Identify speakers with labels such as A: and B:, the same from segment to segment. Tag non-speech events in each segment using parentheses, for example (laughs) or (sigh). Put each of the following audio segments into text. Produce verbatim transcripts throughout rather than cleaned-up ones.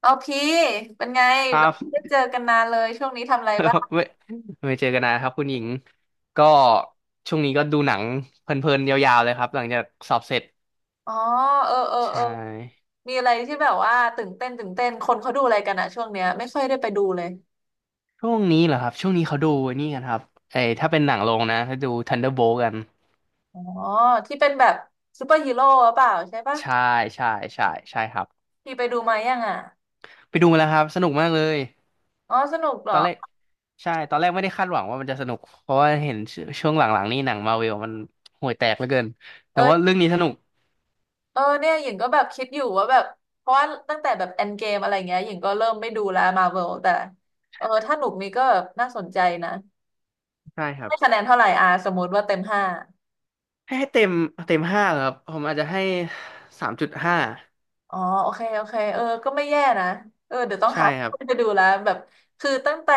A: โอเคเป็นไง
B: ค
A: แบ
B: รั
A: บ
B: บ
A: ได้เจอกันนานเลยช่วงนี้ทำอะไรบ้าง
B: (laughs) ไม่ไม่เจอกันนะครับคุณหญิงก็ช่วงนี้ก็ดูหนังเพลินๆยาวๆเลยครับหลังจากสอบเสร็จ
A: อ๋อเออเออ
B: ใช
A: เออ
B: ่
A: มีอะไรที่แบบว่าตื่นเต้นตื่นเต้นคนเขาดูอะไรกันอะช่วงเนี้ยไม่ค่อยได้ไปดูเลย
B: ช่วงนี้เหรอครับช่วงนี้เขาดูไอ้นี่กันครับไอ้ถ้าเป็นหนังโรงนะเขาดู Thunderbolt กัน
A: อ๋อที่เป็นแบบซูเปอร์ฮีโร่หรือเปล่าใช่ปะ
B: ใช่ใช่ใช่ใช่ครับ
A: พี่ไปดูมายังอะ
B: ไปดูมาแล้วครับสนุกมากเลย
A: อ๋อสนุกเหร
B: ต
A: อ
B: อนแรกใช่ตอนแรกไม่ได้คาดหวังว่ามันจะสนุกเพราะว่าเห็นชช่วงหลังๆนี่หนังมาร์เวลมันห่วยแตกเหลือเกินแต่ว่าเรื่
A: เออ
B: องนี้สนุก
A: เออเนี่ยหญิงก็แบบคิดอยู่ว่าแบบเพราะว่าตั้งแต่แบบ e n d g a m e อะไรเงี้ยหญิงก็เริ่มไม่ดูแล้วมาเวลแต่เออถ้าหนุกนี้ก็แบบน่าสนใจนะ
B: ใช่ครับ
A: ให้คะแนนเท่าไหร่อาสมมติว่าเต็มห้า
B: ให้ให้เต็มเต็มห้าครับผมอาจจะให้สามจุดห้า
A: อ๋อ โอเคโอเคเออก็ไม่แย่นะเออเดี๋ยวต้อง
B: ใช่
A: หา
B: ครับ
A: ไปดูแล้วแบบคือตั้งแต่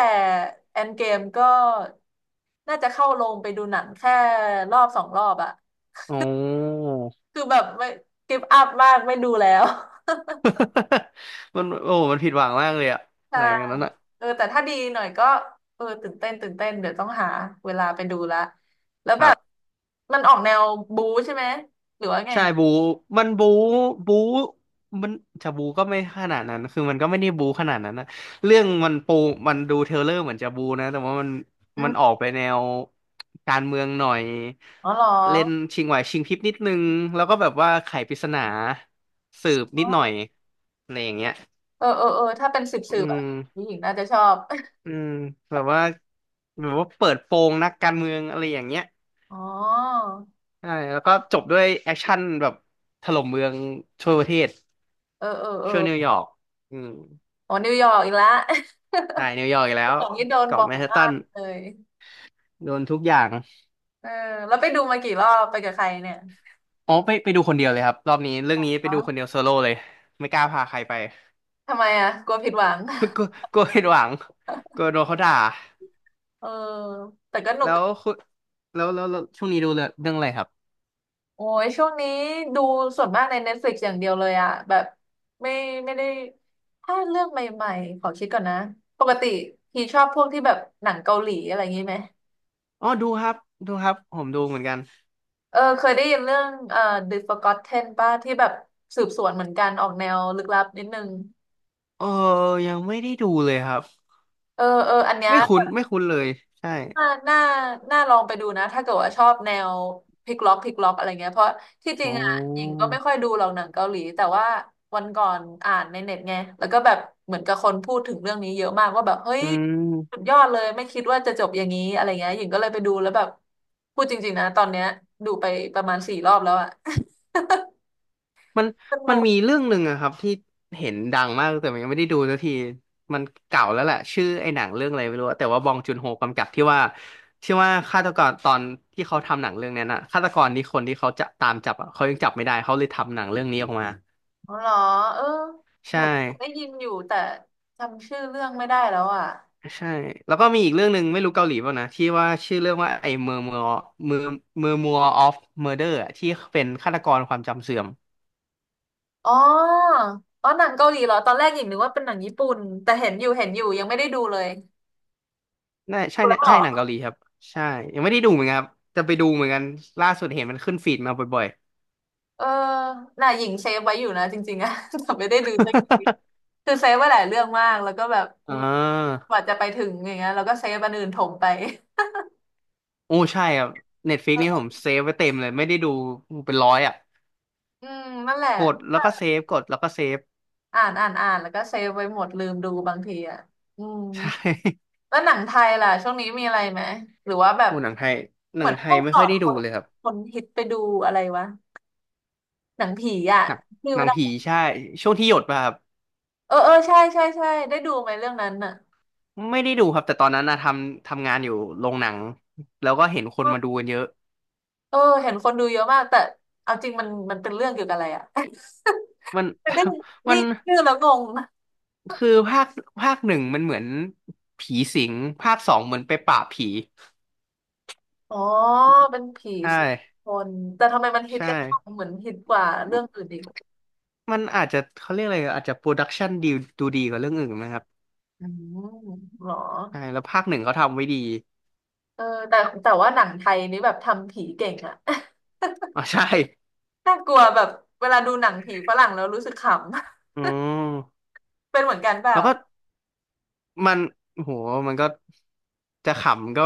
A: แอนเกมก็ น่าจะเข้าโรงไปดูหนังแค่รอบสองรอบอะ
B: โอ้
A: คือแบบไม่กิฟอัพมากไม่ดูแล้ว (laughs)
B: (laughs) มันโอ้มันผิดหวังมากเลยอะ
A: ใช่
B: หลังจากนั้นอะ
A: เออแต่ถ้าดีหน่อยก็ เออ ตื่นเต้นตื่นเต้น เดี๋ยวต้องหาเวลาไปดูละแล้ว
B: ค
A: แบ
B: รั
A: บ
B: บ
A: มันออกแนวบู๊ใช่ไหม หรือว่าไง
B: ใช่บูมันบูบูมันจะบูก็ไม่ขนาดนั้นคือมันก็ไม่ได้บูขนาดนั้นนะเรื่องมันปูมันดูเทรลเลอร์เหมือนจะบูนะแต่ว่ามัน
A: อื
B: มันอ
A: ม
B: อกไปแนวการเมืองหน่อย
A: อ๋อเหรอ
B: เล่นชิงไหวชิงพริบนิดนึงแล้วก็แบบว่าไขปริศนาสืบนิดหน่อยอะไรอย่างเงี้ย
A: เออเออเออถ้าเป็นสืบสื
B: อื
A: บอะไร
B: ม
A: ผู้หญิงน่าจะชอบ (laughs)
B: อืมแบบว่าแบบว่าเปิดโปงนักการเมืองอะไรอย่างเงี้ย
A: อ๋อ
B: ใช่แล้วก็จบด้วยแอคชั่นแบบถล่มเมืองทั่วประเทศ
A: เออเออเออ
B: ช่วนิวยอร์กอืม
A: โอ้นิวยอร์กอีกแล้ว
B: ใช่นิวยอร์กอีก
A: (laughs)
B: แล้
A: คุณ
B: ว
A: สองนี่โดน
B: เกาะ
A: บ่อ
B: แม
A: ย
B: นฮัต
A: มา
B: ตัน
A: กเลย
B: โดนทุกอย่าง
A: เออแล้วไปดูมากี่รอบไปกับใครเนี่ย
B: อ๋อไปไปดูคนเดียวเลยครับรอบนี้เรื่องนี้ไปดู
A: ฮะ
B: คนเดียวโซโล่เลยไม่กล้าพาใครไป
A: ทำไมอ่ะกลัวผิดหวัง
B: (laughs) กลัวกลัวผิดหวังกลัวโดนเขาด่า
A: เออแต่ก็หนุ
B: แล้
A: ก
B: วคุณแล้วแล้วแล้วช่วงนี้ดูเรื่องเรื่องอะไรครับ
A: โอ้ย ช่วงนี้ดูส่วนมากใน Netflix อย่างเดียวเลยอ่ะแบบไม่ไม่ได้ถ้าเรื่องใหม่ๆขอคิดก่อนนะ ปกติพี่ชอบพวกที่แบบหนังเกาหลีอะไรอย่างนี้ไหม
B: อ๋อดูครับดูครับผมดูเหมือนกัน
A: เออเคยได้ยินเรื่องเอ่อ The Forgotten ป่ะที่แบบสืบสวนเหมือนกันออกแนวลึกลับนิดนึง
B: เออยังไม่ได้ดูเลยครับ
A: เออเอออันเนี้ย
B: ไม่คุ้นไม่คุ้นเลยใช่
A: น่าน่าน่าลองไปดูนะถ้าเกิดว่าชอบแนวพลิกล็อกพลิกล็อกอะไรเงี้ยเพราะที่จริง
B: อ๋อ
A: อ่ะหญิงก็ไม่ค่อยดูหรอกหนังเกาหลีแต่ว่าวันก่อนอ่านในเน็ตไงแล้วก็แบบเหมือนกับคนพูดถึงเรื่องนี้เยอะมากว่าแบบเฮ้ย
B: อื
A: สุด
B: ม
A: ยอดเลยไม่คิดว่าจะจบอย่างนี้อะไรเงี้ยหญิงก็เลยไปดูแล้วแบบพูดจริงๆนะตอนเนี้ยดูไปประมาณสี่รอบแล้วอะ (laughs)
B: มัน
A: ส
B: มั
A: นุ
B: น
A: ก
B: มีเรื่องหนึ่งอะครับที่เห็นดังมากแต่มันยังไม่ได้ดูสักทีมันเก่าแล้วแหละชื่อไอ้หนังเรื่องอะไรไม่รู้อะแต่ว่าบองจุนโฮกำกับที่ว่าที่ว่าฆาตกรตอนที่เขาทำหนังเรื่องนั้นอะฆาตกรนี่คนที่เขาจะตามจับอะเขายังจับไม่ได้เขาเลยทำหนังเรื่องนี้ออกมา
A: อ๋อเหรอเออเห
B: ใช่
A: มือนได้ยินอยู่แต่จำชื่อเรื่องไม่ได้แล้วอ่ะ
B: ใช่แล้วก็มีอีกเรื่องหนึ่งไม่รู้เกาหลีเปล่านะที่ว่าชื่อเรื่องว่าไอ้เมอร์เมอร์เมอร์เมอร์มัวออฟเมอร์เดอร์ที่เป็นฆาตกรความจำเสื่อม
A: อ๋ออ๋อหนังเกาหลีเหรอตอนแรกหญิงนึกว่าเป็นหนังญี่ปุ่นแต่เห็นอยู่เห็นอยู่ยังไม่ได้ดูเลย
B: น่าใช่
A: แล้
B: เนี่
A: ว
B: ย
A: เหร
B: ใช่หนัง
A: อ
B: เกาหลีครับใช่ยังไม่ได้ดูเหมือนกันครับจะไปดูเหมือนกันล่าสุดเห็นมันขึ้นฟีดมาบ่อย
A: เออน่ะหญิงเซฟไว้อยู่นะจริงๆอะ (laughs) แต่ไม่ได้ดูสักทีคือเซฟไว้หลายเรื่องมากแล้วก็แบบ
B: ๆ (laughs) อ่
A: อืม
B: า
A: กว่าจะไปถึงอย่างเงี้ยแล้วก็เซฟอันอื่นถมไป
B: โอ้ใช่ครับเน็ตฟ i ิกนี่ผมเซฟไว้เต็มเลยไม่ได้ดูเป็นร้อยอ่ะ
A: อืมนั่นแหละ
B: กดแล้วก็เซฟกดแล้วก็เซฟ
A: อ่านอ่านอ่านแล้วก็เซฟไว้หมดลืมดูบางทีอ่ะอืม
B: (laughs) ใช่
A: แล้วหนังไทยล่ะช่วงนี้มีอะไรไหมหรือว่าแบบ
B: โอ้หนังไทยห
A: เห
B: นั
A: มือ
B: ง
A: น
B: ไท
A: พว
B: ย
A: ก
B: ไม่
A: ก่อ
B: ค่อย
A: น
B: ได้
A: ค
B: ดู
A: น
B: เลยครับ
A: คนฮิตไปดูอะไรวะหนังผีอะ
B: หนัง
A: ชื่
B: หนังผี
A: ะ
B: ใช่ช่วงที่หยดมาครับ
A: เออเออใช่ใช่ใช่ได้ดูไหมเรื่องนั้นน่ะ
B: ไม่ได้ดูครับแต่ตอนนั้นนะทำทำงานอยู่โรงหนังแล้วก็เห็นค
A: เอ
B: น
A: อ
B: มาดูกันเยอะ
A: เอห็นคนดูเยอะมากแต่เอาจริงมันมันเป็นเรื่องเกี่ยวกับอะไรอ่ะ
B: มัน
A: (laughs) มัน (laughs) ได้
B: (laughs) มั
A: นี่
B: น
A: ชื่อแล้วงง
B: คือภาคภาคหนึ่งมันเหมือนผีสิงภาคสองเหมือนไปปราบผี
A: อ๋อเป็นผี
B: ใช่
A: สิบคนแต่ทำไมมันฮิต
B: ใช่
A: กันจังเหมือนฮิตกว่าเรื่องอื่นอีก
B: มันอาจจะเขาเรียกอะไรอาจจะโปรดักชันดีดูดีกว่าเรื่องอื่นนะครับ
A: อืมเหรอ
B: ใช่แล้วภาคหนึ่งเขาทำไว้ดี
A: เออแต่แต่ว่าหนังไทยนี่แบบทำผีเก่งอ่ะ
B: อ๋อใช่
A: (laughs) น่ากลัวแบบเวลาดูหนังผีฝรั่งแล้วรู้สึกขำ
B: อืม
A: (laughs) เป็นเหมือนกันเปล่า
B: แล้วก็มันโหมันก็จะขำก็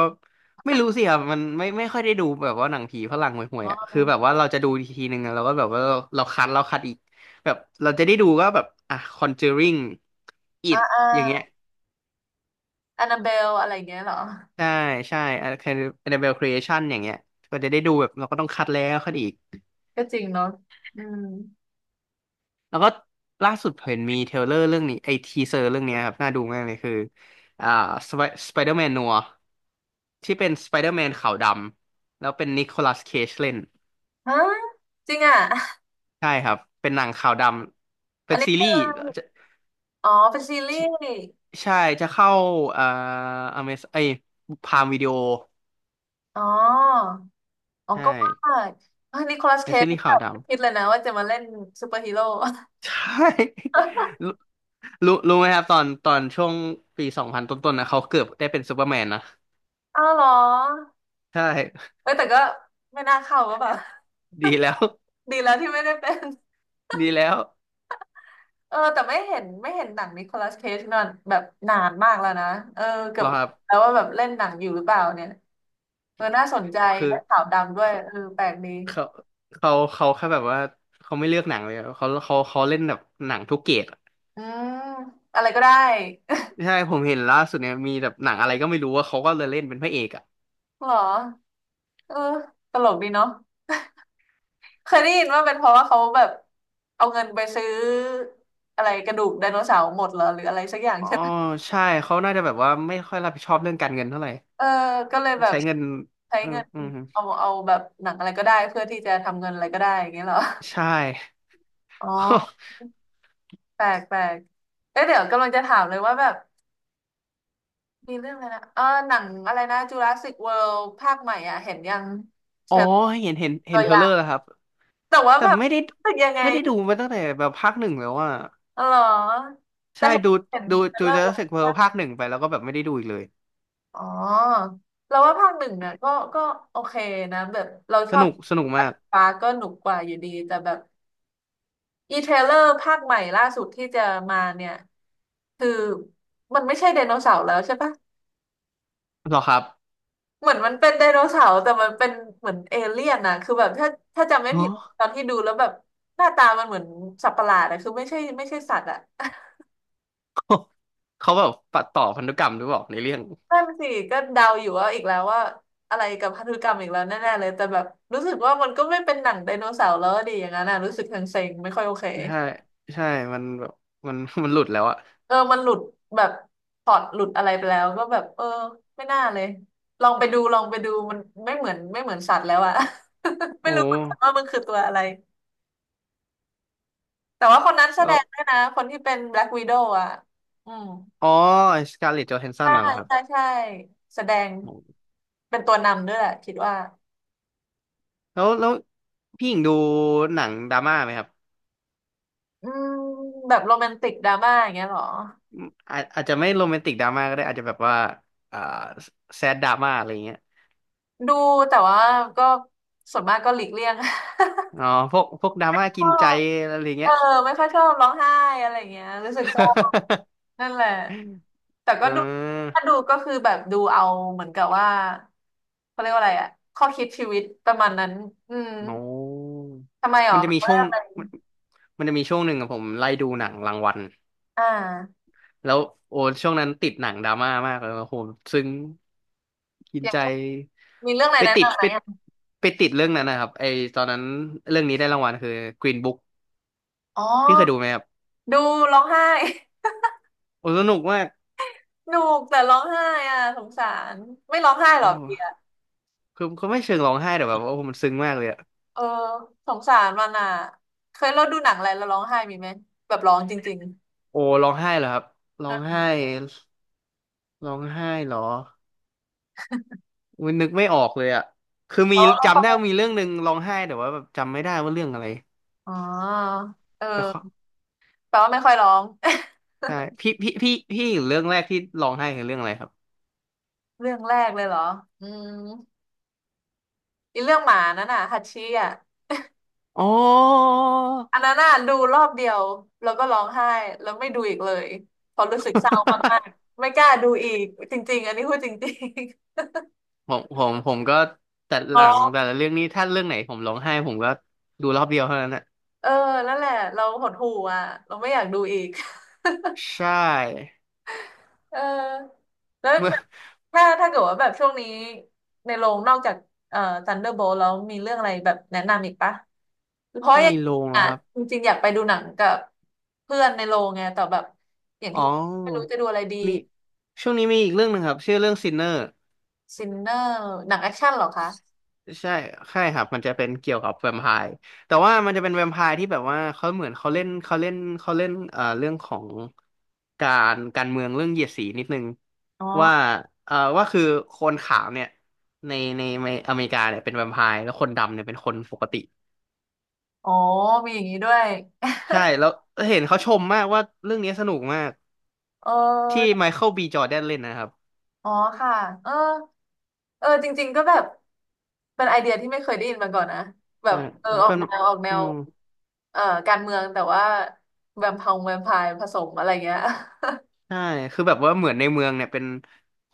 B: ไม่รู้สิครับมันไม่ไม่ค่อยได้ดูแบบว่าหนังผีฝรั่งห่วย
A: อ๋อ
B: ๆอ่ะคือแบบว่าเราจะดูทีนึงอะเราก็แบบว่าเราเราคัดเราคัดอีกแบบเราจะได้ดูก็แบบอ่ะ Conjuring
A: อ่า
B: It
A: อ่า
B: อย่างเงี้ย
A: แอนนาเบลอะไรอย่างเงี้ยเหรอ
B: ใช่ใช่อันอันเดเบลครีเอชันอย่างเงี้ยก็จะได้ดูแบบเราก็ต้องคัดแล้วคัดอีก
A: ก็จริงเนาะอืม
B: แล้วก็ล่าสุดเห็นมีเทรลเลอร์เรื่องนี้ไอทีเซอร์เรื่องเนี้ยครับน่าดูมากเลยคืออ่าสไปสไปเดอร์แมนนัวที่เป็นสไปเดอร์แมนขาวดำแล้วเป็นนิโคลัสเคจเล่น
A: ฮะจริงอ่ะ
B: ใช่ครับเป็นหนังขาวดำ
A: (laughs)
B: เป็
A: อัน
B: น
A: นี้
B: ซี
A: คื
B: รีส์
A: อ
B: จะ
A: อ๋อเป็นซีรี
B: ที่
A: ส์
B: ใช่จะเข้าเอ่ออเมซไอพามวิดีโอ
A: อ๋ออ๋อ
B: ใช่
A: ก็ว่าเฮ้ยนิโคลัสเค
B: เป็นซี
A: จ
B: รีส์
A: แบ
B: ขาว
A: บ
B: ด
A: ไม่คิดเลยนะว่าจะมาเล่นซูเปอร์ (laughs) ฮีโร่
B: ใช่ (laughs)
A: (laughs)
B: รู้รู้รู้ไหมครับตอนตอนช่วงปีสองพันต้นๆนะเขาเกือบได้เป็นซูเปอร์แมนนะ
A: อ้าวเหรอ
B: ใช่
A: เอ้ยแต่ก็ไม่น่าเข้าก็แบบ
B: (laughs) ดีแล้ว
A: (laughs) ดีแล้วที่ไม่ได้เป็น
B: (laughs) ดีแล้ว
A: เออแต่ไม่เห็นไม่เห็นหนังนิโคลัสเคจนอนแบบนานมากแล้วนะเออเกื
B: เห
A: อ
B: ร
A: บ
B: อครับ
A: แล้วว่าแบบเล่นหนังอยู่หรือเปล่าเนี่ยเออน่าสนใจ
B: คือ
A: และขาวดำด้วย
B: เขา
A: เออแปลกดี
B: เขาเขาเขาแค่แบบว่าเขาไม่เลือกหนังเลยอะเขาเขาเขาเล่นแบบหนังทุกเกรดอะ
A: อืมอะไรก็ได้
B: ใช่ผมเห็นล่าสุดเนี่ยมีแบบหนังอะไรก็ไม่รู้ว่าเขาก็เลยเล่นเป็นพระเอกอ่ะ
A: (laughs) เหรอ เออตลกดีเนาะเคยได้ยินว่าเป็นเพราะว่าเขาแบบเอาเงินไปซื้ออะไรกระดูกไดโนเสาร์หมดเหรอหรืออะไรสักอย่าง
B: อ๋อ
A: ใช่ไหม
B: ใช่เขาน่าจะแบบว่าไม่ค่อยรับผิดชอบเรื่องการเงินเท่าไหร่
A: เออก็เลยแบบ
B: ใช้เงิน
A: ใช้
B: เออ
A: เงิน
B: อืม
A: เอาเอาแบบหนังอะไรก็ได้เพื่อที่จะทำเงินอะไรก็ได้อย่างเงี้ยเหรอ
B: ใช่
A: อ๋อแปลกแปลกเอ๊ะเดี๋ยวกำลังจะถามเลยว่าแบบมีเรื่องอะไรนะเออหนังอะไรนะจูราสสิกเวิลด์ภาคใหม่อ่ะเห็นยัง
B: (laughs) อ๋อ
A: เชิญ
B: เห็นเห็นเห็
A: ตั
B: น
A: ว
B: เทร
A: อ
B: ล
A: ย่า
B: เลอ
A: ง
B: ร์แล้วครับ
A: แต่ว่า
B: แต่
A: แบบ
B: ไม่ได้
A: รู้สึกยังไง
B: ไม่ได้ดูมาตั้งแต่แบบภาคหนึ่งแล้วอ่ะ
A: อ๋อเหรอแต่
B: ใช่
A: เห็น
B: ดู
A: เห็น
B: ดู
A: เทรล
B: ดู
A: เลอร์แล้ว
B: Jurassic World ภาคหนึ่งไปแล้วก็แบบไม่ได้ดูอีกเลย
A: อ๋อเราว่าภาคหนึ่งอ่ะก็ก็โอเคนะแบบเราช
B: ส
A: อบ
B: นุกสนุกมาก
A: ฟ้าก็หนุกกว่าอยู่ดีแต่แบบอีเทรลเลอร์ภาคใหม่ล่าสุดที่จะมาเนี่ยคือมันไม่ใช่ไดโนเสาร์แล้วใช่ปะ
B: เหรอครับ
A: เหมือนมันเป็นไดโนเสาร์แต่มันเป็นเหมือนเอเลี่ยนนะคือแบบถ้าถ้าจำไม่ผิ
B: ฮะ
A: ดตอนที่ดูแล้วแบบหน้าตามันเหมือนสัตว์ประหลาดอะคือไม่ใช่ไม่ใช่สัตว์อะ
B: (laughs) เขาแบบปัดต่อพันธุกรรมหรือเปล่าในเรื่อง
A: นั่นสิก็เดาอยู่ว่าอีกแล้วว่าอะไรกับพันธุกรรมอีกแล้วแน่ๆเลยแต่แบบรู้สึกว่ามันก็ไม่เป็นหนังไดโนเสาร์แล้วดีอย่างนั้นนะรู้สึกเซ็งๆไม่ค่อยโอเค
B: ใช่ใช่มันแบบมันมันหลุดแล้วอะ
A: เออมันหลุดแบบพล็อตหลุดอะไรไปแล้วก็แบบเออไม่น่าเลยลองไปดูลองไปดูมันไม่เหมือนไม่เหมือนสัตว์แล้วอะ (laughs) ไม่
B: โอ้
A: รู้เหมือนกันว่ามันคือตัวอะไรแต่ว่าคนนั้นแส
B: แล้
A: ด
B: ว
A: งด้วยนะคนที่เป็นแบล็กว i ด o w อะอืม
B: อ๋อสการ์เล็ตจอห์นสั
A: ใช่
B: นน่ะเหรอครั
A: ใช่
B: บ
A: ใช่แสดง
B: โอ้
A: เป็นตัวนำด้วยแหละคิดว่า
B: แล้วแล้วพี่หญิงดูหนังดราม่าไหมครับ
A: อืมแบบโรแมนติกดราม่าอย่างเงี้ยเหรอ
B: อาอาจจะไม่โรแมนติกดราม่าก็ได้อาจจะแบบว่าอ่าแซดดราม่าอะไรเงี้ย
A: ดูแต่ว่าก็ส่วนมากก็หลีกเลี่ยง
B: อ๋อพวกพวกดรา
A: (laughs)
B: ม่ากิ
A: ก็
B: นใจอะไรอย่าง
A: เอ
B: เงี้
A: อ
B: ย
A: ไม่ค่อยชอบร้องไห้อะไรอย่างเงี้ยรู้สึกชอบ
B: (laughs)
A: นั่นแหละแต่
B: เ
A: ก็ดู
B: ออ
A: ถ้าดูก็คือแบบดูเอาเหมือนกับว่าเขาเรียกว่าอะไรอะข้อคิดชีวิตประมาณนั้นอืม
B: โอ้
A: ทำไมหรอ
B: มันจะ
A: แบบ
B: มี
A: ว่า
B: ช่วง
A: อะไร
B: มันมันจะมีช่วงหนึ่งอะผมไล่ดูหนังรางวัล
A: อ่า
B: แล้วโอ้ช่วงนั้นติดหนังดราม่ามากเลยโอ้โหซึ้งกิน
A: อย่าง
B: ใจ
A: เช่นมีเรื่องอะไร
B: ไป
A: แนะ
B: ติด
A: นำไหม
B: ไป
A: อะ
B: ไปติดเรื่องนั้นนะครับไอตอนนั้นเรื่องนี้ได้รางวัลคือ Green Book
A: อ๋อ
B: พี่เคยดูไหมครับ
A: ดูร้องไห้ (laughs)
B: โอ้สนุกมาก
A: หนูกแต่ร้องไห้อ่ะสงสารไม่ร้องไห้
B: โ
A: หรอเปีย
B: อ้คือคือไม่เชิงร้องไห้แต่แบบว่าโอ้มันซึ้งมากเลยอะ
A: เออสงสารมันอ่ะเคยเราดูหนังอะไรแล้วร้องไห้มีไหมแบบร้องจริง
B: โอ้ร้องไห้เหรอครับร้
A: ๆ
B: อง
A: อ่ะ
B: ไห้ร้องไห้เหรอ อุ๊ยนึกไม่ออกเลยอ่ะคือมี
A: ร้องแล้ว
B: จำ
A: ก็
B: ได้ว่ามีเรื่องหนึ่งร้องไห้แต่ว่าแบบจำไม่ได้ว่าเรื่องอะไร
A: อ๋อเ
B: แต่เขอ
A: ออแปลว่าไม่ค่อยร้อง
B: ใช่พี่พี่พี่พี่เรื่องแรกที่ร้องไห้คือเรื่องอะไรครับ
A: (laughs) เรื่องแรกเลยเหรออืมอีเรื่องหมานั่นน่ะฮัตชี่อ่ะ
B: อ๋อ
A: อันนั้นน่ะดูรอบเดียวแล้วก็ร้องไห้แล้วไม่ดูอีกเลยเพอรู้สึกเศร้ามาก
B: (laughs)
A: ๆไม่กล้าดูอีกจริงๆอันนี้พูดจริง
B: ผมผมผมก็แต่
A: ๆ
B: ห
A: อ๋อ
B: ลั
A: (laughs)
B: งแต่ละเรื่องนี้ถ้าเรื่องไหนผมร้องไห้ผมก็ดูรอบเดียวเท่านั้นอ่ะ
A: เออนั่นแหละเราหดหู่อ่ะเราไม่อยากดูอีก
B: ใช่
A: เออแล้ว
B: (laughs) เมื่อ
A: แบบถ้าถ้าเกิดว่าแบบช่วงนี้ในโรงนอกจากเอ่อ Thunderbolt แล้วมีเรื่องอะไรแบบแนะนำอีกปะเพราะอ
B: ใน
A: ย่าง
B: โรงเหร
A: อ่ะ
B: อครับ
A: จริงๆอยากไปดูหนังกับเพื่อนในโรงไงแต่แบบอย่าง
B: อ๋
A: ที่ว่าไม่รู้
B: อ
A: จะดูอะไรดี
B: มีช่วงนี้มีอีกเรื่องหนึ่งครับชื่อเรื่องซินเนอร์
A: ซินเนอร์หนังแอคชั่นเหรอคะ
B: ใช่ใช่ครับ มันจะเป็นเกี่ยวกับแวมไพร์แต่ว่ามันจะเป็นแวมไพร์ที่แบบว่าเขาเหมือนเขาเล่นเขาเล่นเขาเล่นเอ่อเรื่องของการการเมืองเรื่องเหยียดสีนิดนึง
A: อ๋อ
B: ว่าเอ่อว่าคือคนขาวเนี่ยในในในอเมริกาเนี่ยเป็นแวมไพร์แล้วคนดำเนี่ยเป็นคนปกติ
A: อ๋อมีอย่างนี้ด้วย
B: ใช่แล้วเห็นเขาชมมากว่าเรื่องนี้สนุกมาก
A: เอ
B: ที่
A: อ
B: ไมเคิลบีจอร์แดนเล่นนะครับ
A: อ๋อค่ะเออเออจริงๆก็แบบเป็นไอเดียที่ไม่เคยได้ยินมาก่อนนะแบบ
B: อ่า
A: เออออก
B: เป็น
A: แนวออกแน
B: อื
A: ว
B: ม
A: เอ่อการเมืองแต่ว่าแวมพองแวมไพร์ผสมอะไรเงี้ย (laughs)
B: ใช่คือแบบว่าเหมือนในเมืองเนี่ยเป็น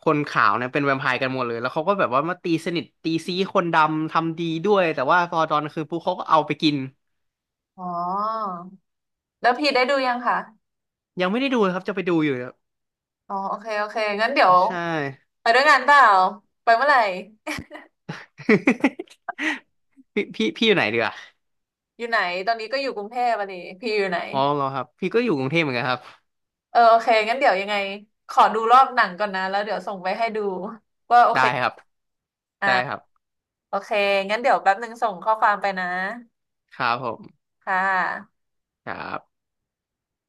B: คนขาวเนี่ยเป็นแวมไพร์กันหมดเลย แล้วเขาก็แบบว่ามาตีสนิทตีซี้คนดำทำดีด้วยแต่ว่าพอตอนกลางคืนปุ๊บเขาก็เอาไปกิน
A: อ๋อแล้วพีได้ดูยังคะ
B: ยังไม่ได้ดูเลยครับจะไปดูอยู่เนี่ย
A: อ๋อโอเคโอเคงั้นเดี๋ยว
B: ใช่
A: ไปด้วยกันเปล่าไปเมื่อไหร่ (laughs)
B: (laughs) พี่พี่พี่อยู่ไหนเดีอ่ะ
A: อยู่ไหนตอนนี้ก็อยู่กรุงเทพอ่ะนีพี่อยู่ไหน
B: อ๋อเหรอครับ พี่ก็อยู่กรุงเทพเหมือนกันครับ
A: เออโอเคงั้นเดี๋ยวยังไงขอดูรอบหนังก่อนนะแล้วเดี๋ยวส่งไปให้ดูว่าโอ
B: ได้
A: เค
B: ครับ
A: อ่า
B: ได้ครับ
A: โอเค งั้นเดี๋ยวแป๊บนึงส่งข้อความไปนะ
B: ครับผม
A: ค่ะ
B: ครับ